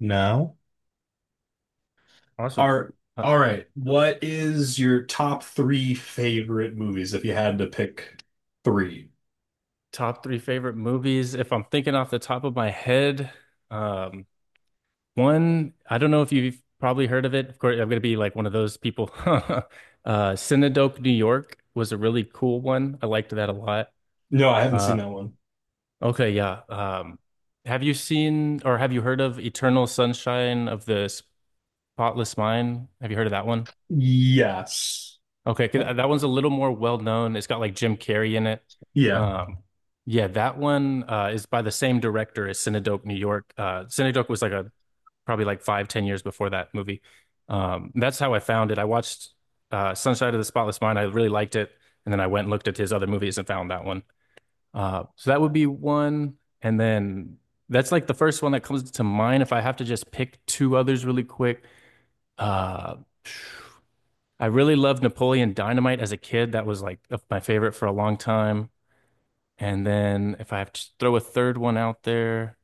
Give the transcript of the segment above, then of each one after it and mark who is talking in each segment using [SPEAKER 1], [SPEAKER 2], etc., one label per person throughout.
[SPEAKER 1] No.
[SPEAKER 2] Awesome.
[SPEAKER 1] Are
[SPEAKER 2] Uh,
[SPEAKER 1] all right. What is your top three favorite movies if you had to pick three?
[SPEAKER 2] Top three favorite movies. If I'm thinking off the top of my head, um, one, I don't know if you've probably heard of it. Of course, I'm going to be like one of those people. Cinedope, New York was a really cool one. I liked that a lot.
[SPEAKER 1] No, I haven't seen
[SPEAKER 2] Uh,
[SPEAKER 1] that one.
[SPEAKER 2] okay, yeah. Have you seen or have you heard of Eternal Sunshine of the Spotless Mind? Have you heard of that one?
[SPEAKER 1] Yes.
[SPEAKER 2] Okay, 'cause that one's a little more well known. It's got like Jim Carrey in it.
[SPEAKER 1] Yeah.
[SPEAKER 2] Um, yeah, that one is by the same director as Cinedope, New York. Cinedope was like a probably like five, 10 years before that movie. That's how I found it. I watched Sunshine of the Spotless Mind. I really liked it, and then I went and looked at his other movies and found that one. So that would be one, and then that's like the first one that comes to mind. If I have to just pick two others really quick, uh, I really loved Napoleon Dynamite as a kid. That was like my favorite for a long time. And then if I have to throw a third one out there,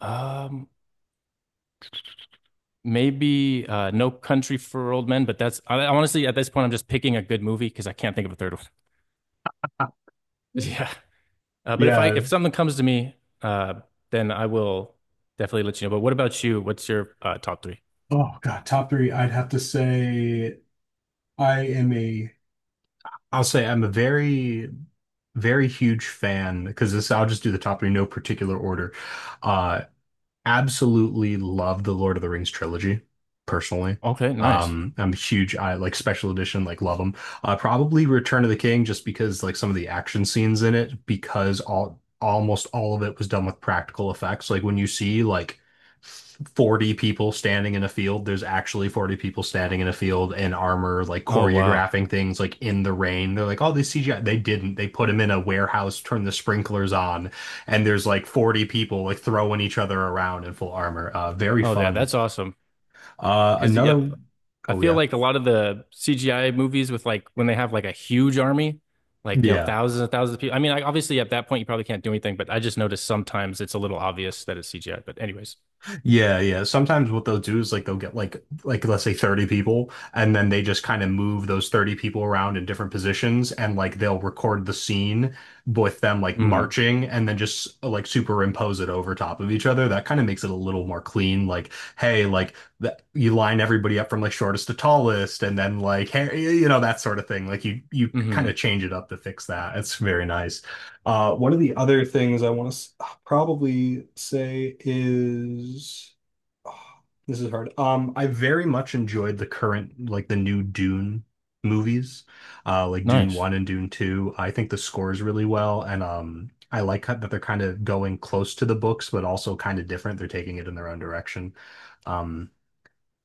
[SPEAKER 2] um, maybe No Country for Old Men. But honestly at this point I'm just picking a good movie because I can't think of a third one. Yeah. But
[SPEAKER 1] Yeah.
[SPEAKER 2] if something comes to me, uh, then I will definitely let you know. But what about you? What's your top three?
[SPEAKER 1] Oh God, top three. I'd have to say I am a I'll say I'm a very, very huge fan because this, I'll just do the top three, no particular order. Uh, Absolutely love the Lord of the Rings trilogy, personally.
[SPEAKER 2] Okay, nice.
[SPEAKER 1] I'm a huge, I like special edition, like love them. Probably Return of the King, just because like some of the action scenes in it, because all almost all of it was done with practical effects. Like when you see like 40 people standing in a field, there's actually 40 people standing in a field in armor, like
[SPEAKER 2] Oh wow.
[SPEAKER 1] choreographing things like in the rain. They're like, oh, they CGI. They didn't. They put them in a warehouse, turned the sprinklers on, and there's like 40 people like throwing each other around in full armor. Very
[SPEAKER 2] Oh yeah,
[SPEAKER 1] fun.
[SPEAKER 2] that's awesome. Because yeah,
[SPEAKER 1] Another.
[SPEAKER 2] I
[SPEAKER 1] Oh
[SPEAKER 2] feel
[SPEAKER 1] yeah,
[SPEAKER 2] like a lot of the CGI movies with like when they have like a huge army, like you know,
[SPEAKER 1] yeah.
[SPEAKER 2] thousands and thousands of people. I mean, like, obviously at that point you probably can't do anything, but I just noticed sometimes it's a little obvious that it's CGI. But anyways,
[SPEAKER 1] Yeah, yeah. Sometimes what they'll do is like they'll get like let's say 30 people, and then they just kind of move those 30 people around in different positions, and like they'll record the scene with them like
[SPEAKER 2] hmm.
[SPEAKER 1] marching, and then just like superimpose it over top of each other. That kind of makes it a little more clean. Like, hey, like that you line everybody up from like shortest to tallest, and then like hey, you know, that sort of thing. Like you kind of
[SPEAKER 2] Hmm.
[SPEAKER 1] change it up to fix that. It's very nice. One of the other things I want to probably say is oh, this is hard. I very much enjoyed the current, like the new Dune movies, like Dune
[SPEAKER 2] Nice.
[SPEAKER 1] 1 and Dune 2. I think the score is really well, and I like how- that they're kind of going close to the books, but also kind of different. They're taking it in their own direction. Um,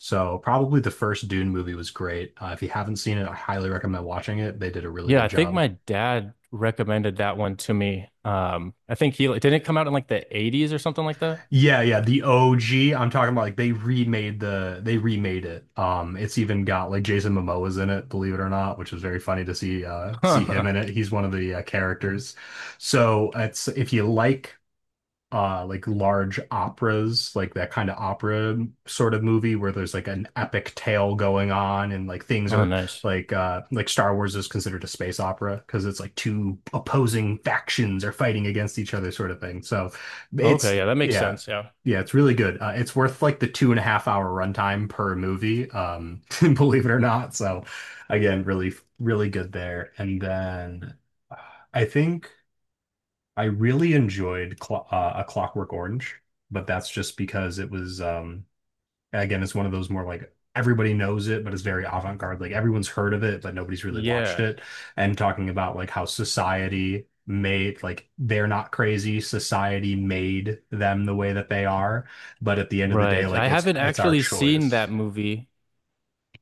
[SPEAKER 1] so probably the first Dune movie was great. If you haven't seen it, I highly recommend watching it. They did a really
[SPEAKER 2] Yeah,
[SPEAKER 1] good
[SPEAKER 2] I think
[SPEAKER 1] job.
[SPEAKER 2] my dad recommended that one to me. I think he like, didn't it come out in like the 80s or something like that.
[SPEAKER 1] Yeah, yeah, the OG. I'm talking about like they remade it. It's even got like Jason Momoa's in it, believe it or not, which was very funny to see him in
[SPEAKER 2] Huh.
[SPEAKER 1] it. He's one of the characters. So it's if you like large operas, like that kind of opera sort of movie where there's like an epic tale going on, and like things
[SPEAKER 2] Oh,
[SPEAKER 1] are
[SPEAKER 2] nice.
[SPEAKER 1] like Star Wars is considered a space opera because it's like two opposing factions are fighting against each other, sort of thing. So
[SPEAKER 2] Okay,
[SPEAKER 1] it's
[SPEAKER 2] yeah, that makes
[SPEAKER 1] yeah,
[SPEAKER 2] sense. Yeah.
[SPEAKER 1] yeah, it's really good. It's worth like the 2.5 hour runtime per movie, um, believe it or not. So again, really really good there. And then I think I really enjoyed Clo A Clockwork Orange, but that's just because it was again, it's one of those more like everybody knows it, but it's very avant-garde. Like everyone's heard of it, but nobody's really watched
[SPEAKER 2] Yeah,
[SPEAKER 1] it. And talking about like how society made like they're not crazy, society made them the way that they are, but at the end of the day,
[SPEAKER 2] right. I
[SPEAKER 1] like it's
[SPEAKER 2] haven't
[SPEAKER 1] it's our
[SPEAKER 2] actually seen that
[SPEAKER 1] choice.
[SPEAKER 2] movie.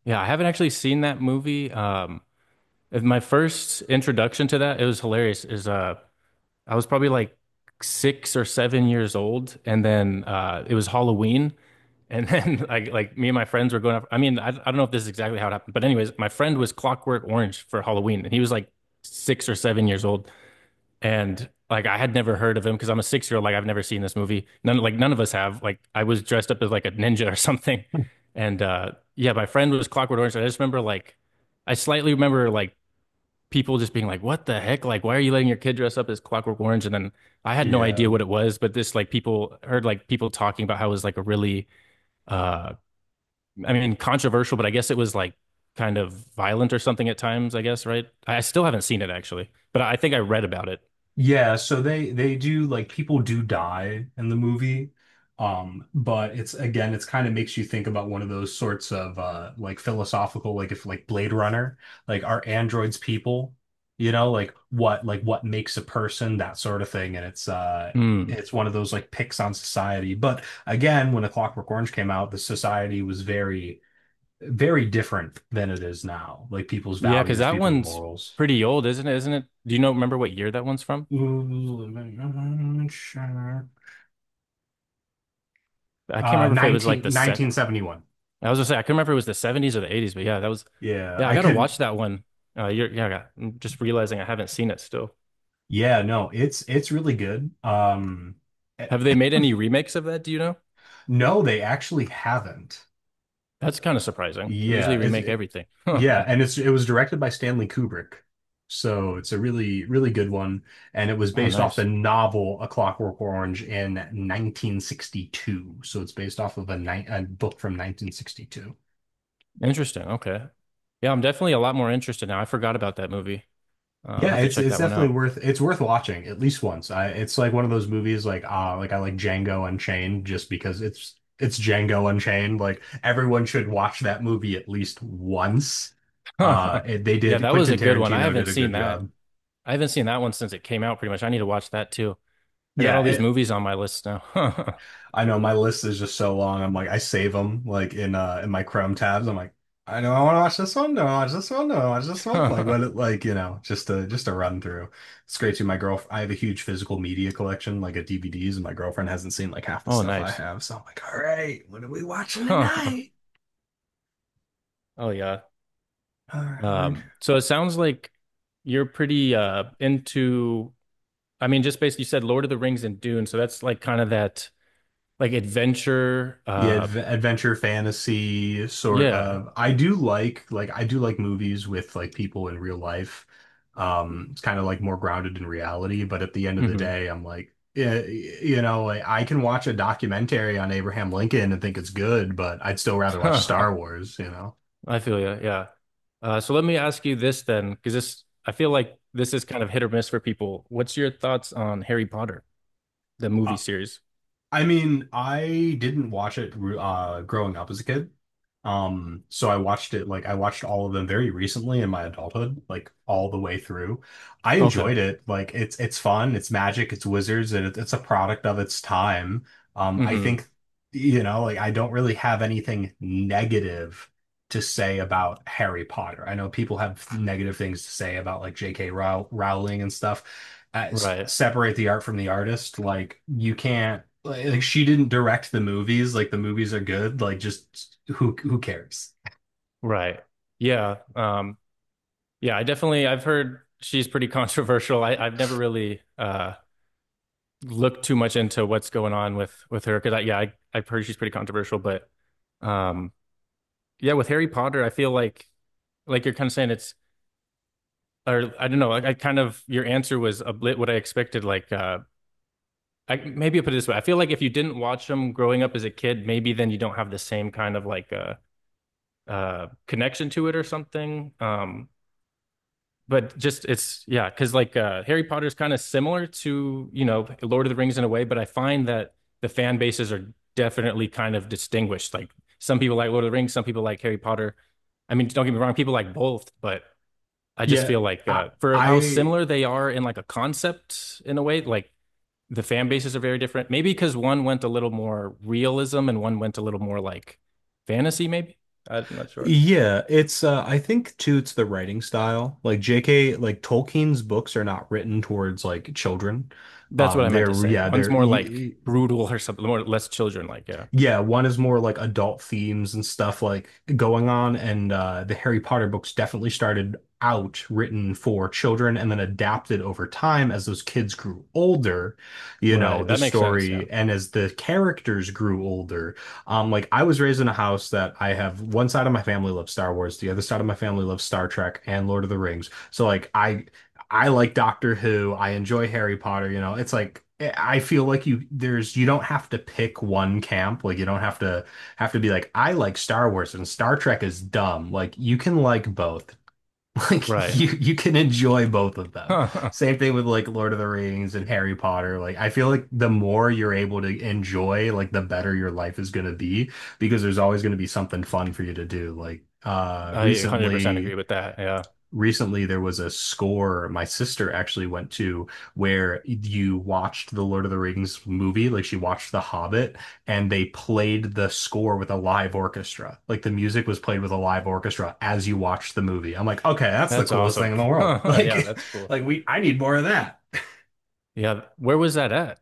[SPEAKER 2] Yeah, I haven't actually seen that movie. If my first introduction to that, it was hilarious. Is I was probably like 6 or 7 years old, and then it was Halloween, and then like me and my friends were going up. I mean, I don't know if this is exactly how it happened, but anyways, my friend was Clockwork Orange for Halloween, and he was like 6 or 7 years old, and like I had never heard of him because I'm a 6 year old. Like I've never seen this movie. None of us have. Like I was dressed up as like a ninja or something, and yeah, my friend was Clockwork Orange. And I just remember like I slightly remember like people just being like, "What the heck? Like why are you letting your kid dress up as Clockwork Orange?" And then I had no idea
[SPEAKER 1] Yeah.
[SPEAKER 2] what it was, but this like people heard like people talking about how it was like a really uh I mean controversial, but I guess it was like kind of violent or something at times. I guess right. I still haven't seen it actually, but I think I read about it.
[SPEAKER 1] Yeah, so they do like people do die in the movie. But it's again, it's kind of makes you think about one of those sorts of like philosophical, like if like Blade Runner, like are androids people? You know, like what makes a person, that sort of thing. And it's
[SPEAKER 2] Mm.
[SPEAKER 1] it's one of those like picks on society. But again, when A Clockwork Orange came out, the society was very, very different than it is now. Like people's
[SPEAKER 2] Yeah, because
[SPEAKER 1] values,
[SPEAKER 2] that
[SPEAKER 1] people's
[SPEAKER 2] one's
[SPEAKER 1] morals.
[SPEAKER 2] pretty old, isn't it? Isn't it? Do you know remember what year that one's from? I can't remember if it was like the set.
[SPEAKER 1] Nineteen seventy one.
[SPEAKER 2] I was gonna say I couldn't remember if it was the 70s or the 80s, but yeah, that was.
[SPEAKER 1] Yeah,
[SPEAKER 2] Yeah, I
[SPEAKER 1] I
[SPEAKER 2] gotta
[SPEAKER 1] could.
[SPEAKER 2] watch that one. Yeah, I'm just realizing I haven't seen it still.
[SPEAKER 1] Yeah, no, it's really good. Eh,
[SPEAKER 2] Have they made any remakes of that? Do you know?
[SPEAKER 1] no, they actually haven't.
[SPEAKER 2] That's kind of surprising. They
[SPEAKER 1] Yeah,
[SPEAKER 2] usually
[SPEAKER 1] it's
[SPEAKER 2] remake
[SPEAKER 1] it,
[SPEAKER 2] everything.
[SPEAKER 1] yeah, and it was directed by Stanley Kubrick, so it's a really really good one, and it was
[SPEAKER 2] Oh,
[SPEAKER 1] based off the
[SPEAKER 2] nice.
[SPEAKER 1] novel A Clockwork Orange in 1962. So it's based off of a book from 1962.
[SPEAKER 2] Interesting. Okay. Yeah, I'm definitely a lot more interested now. I forgot about that movie. I'll
[SPEAKER 1] Yeah,
[SPEAKER 2] have to
[SPEAKER 1] it's
[SPEAKER 2] check
[SPEAKER 1] it's
[SPEAKER 2] that one
[SPEAKER 1] definitely
[SPEAKER 2] out.
[SPEAKER 1] worth it's worth watching at least once. I It's like one of those movies like ah like I like Django Unchained just because it's Django Unchained. Like everyone should watch that movie at least once. It, they
[SPEAKER 2] Yeah,
[SPEAKER 1] did
[SPEAKER 2] that was
[SPEAKER 1] Quentin
[SPEAKER 2] a good one. I
[SPEAKER 1] Tarantino did
[SPEAKER 2] haven't
[SPEAKER 1] a good
[SPEAKER 2] seen that.
[SPEAKER 1] job.
[SPEAKER 2] I haven't seen that one since it came out, pretty much. I need to watch that too. I got all these
[SPEAKER 1] Yeah,
[SPEAKER 2] movies on my list now.
[SPEAKER 1] I know my list is just so long. I'm like, I save them like in my Chrome tabs. I'm like, I know I want to watch this one. No, I watch this one. No, I watch this one. Like what? It, like you know, just to run through. It's great too. My girl, I have a huge physical media collection, like a DVDs, and my girlfriend hasn't seen like half the
[SPEAKER 2] Oh,
[SPEAKER 1] stuff I
[SPEAKER 2] nice.
[SPEAKER 1] have. So I'm like, all right, what are we watching tonight?
[SPEAKER 2] Oh yeah.
[SPEAKER 1] All right.
[SPEAKER 2] So it sounds like you're pretty into I mean, just basically you said Lord of the Rings and Dune, so that's like kind of that like adventure
[SPEAKER 1] Yeah, adventure fantasy sort
[SPEAKER 2] yeah.
[SPEAKER 1] of. I do like I do like movies with like people in real life. It's kind of like more grounded in reality, but at the end of the
[SPEAKER 2] Hmm.
[SPEAKER 1] day, I'm like, yeah, you know, like I can watch a documentary on Abraham Lincoln and think it's good, but I'd still rather watch Star
[SPEAKER 2] I
[SPEAKER 1] Wars, you know.
[SPEAKER 2] feel you, yeah. So let me ask you this then, because this I feel like this is kind of hit or miss for people. What's your thoughts on Harry Potter, the movie series?
[SPEAKER 1] I mean, I didn't watch it growing up as a kid. So I watched it like I watched all of them very recently in my adulthood, like all the way through. I
[SPEAKER 2] Okay.
[SPEAKER 1] enjoyed it. Like it's fun, it's magic, it's wizards, and it's a product of its time. I
[SPEAKER 2] Hmm.
[SPEAKER 1] think, you know, like I don't really have anything negative to say about Harry Potter. I know people have negative things to say about like J.K. Rowling and stuff.
[SPEAKER 2] Right.
[SPEAKER 1] Separate the art from the artist. Like you can't like, she didn't direct the movies. Like the movies are good. Like just who cares?
[SPEAKER 2] Right. Yeah. Yeah, I definitely I've heard she's pretty controversial. I've never really looked too much into what's going on with her because I yeah, I've heard she's pretty controversial, but um yeah, with Harry Potter, I feel like you're kind of saying it's or I don't know, I kind of your answer was a bit what I expected, like I maybe I put it this way. I feel like if you didn't watch them growing up as a kid, maybe then you don't have the same kind of like connection to it or something. But just it's yeah, because like Harry Potter is kind of similar to you know Lord of the Rings in a way, but I find that the fan bases are definitely kind of distinguished. Like some people like Lord of the Rings, some people like Harry Potter. I mean, don't get me wrong, people like both, but I just
[SPEAKER 1] Yeah,
[SPEAKER 2] feel like
[SPEAKER 1] I,
[SPEAKER 2] for how
[SPEAKER 1] I
[SPEAKER 2] similar they are in like a concept in a way, like the fan bases are very different. Maybe because one went a little more realism and one went a little more like fantasy. Maybe I'm not sure.
[SPEAKER 1] yeah, it's I think too it's the writing style. Like JK, like Tolkien's books are not written towards like children.
[SPEAKER 2] That's what I meant to say. One's
[SPEAKER 1] They're
[SPEAKER 2] more like brutal or something, more less children like. Yeah.
[SPEAKER 1] Yeah, one is more like adult themes and stuff like going on, and the Harry Potter books definitely started out written for children and then adapted over time as those kids grew older, you know,
[SPEAKER 2] Right.
[SPEAKER 1] the
[SPEAKER 2] That makes sense. Yeah.
[SPEAKER 1] story and as the characters grew older. Like I was raised in a house that I have one side of my family loves Star Wars, the other side of my family loves Star Trek and Lord of the Rings. So like I like Doctor Who. I enjoy Harry Potter. You know, it's like eh, I feel like you don't have to pick one camp. Like you don't have to be like I like Star Wars and Star Trek is dumb. Like you can like both. Like
[SPEAKER 2] Right.
[SPEAKER 1] you you can enjoy both of them.
[SPEAKER 2] Huh.
[SPEAKER 1] Same thing with like Lord of the Rings and Harry Potter. Like I feel like the more you're able to enjoy, like the better your life is going to be because there's always going to be something fun for you to do. Like
[SPEAKER 2] I 100% agree with that. Yeah.
[SPEAKER 1] recently there was a score my sister actually went to where you watched the Lord of the Rings movie, like she watched The Hobbit, and they played the score with a live orchestra. Like the music was played with a live orchestra as you watched the movie. I'm like, okay, that's the
[SPEAKER 2] That's
[SPEAKER 1] coolest
[SPEAKER 2] awesome.
[SPEAKER 1] thing in the world.
[SPEAKER 2] Yeah.
[SPEAKER 1] Like,
[SPEAKER 2] That's cool.
[SPEAKER 1] I need more of that.
[SPEAKER 2] Yeah. Where was that at?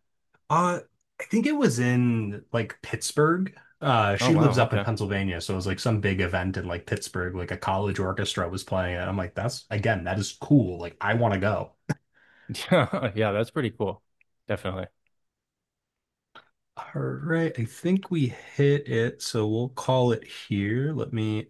[SPEAKER 1] Uh, I think it was in like Pittsburgh.
[SPEAKER 2] Oh,
[SPEAKER 1] She lives
[SPEAKER 2] wow.
[SPEAKER 1] up in
[SPEAKER 2] Okay.
[SPEAKER 1] Pennsylvania, so it was like some big event in like Pittsburgh, like a college orchestra was playing it. I'm like, that's again, that is cool. Like, I want to go.
[SPEAKER 2] Yeah. Yeah. That's pretty cool. Definitely.
[SPEAKER 1] All right, I think we hit it, so we'll call it here. Let me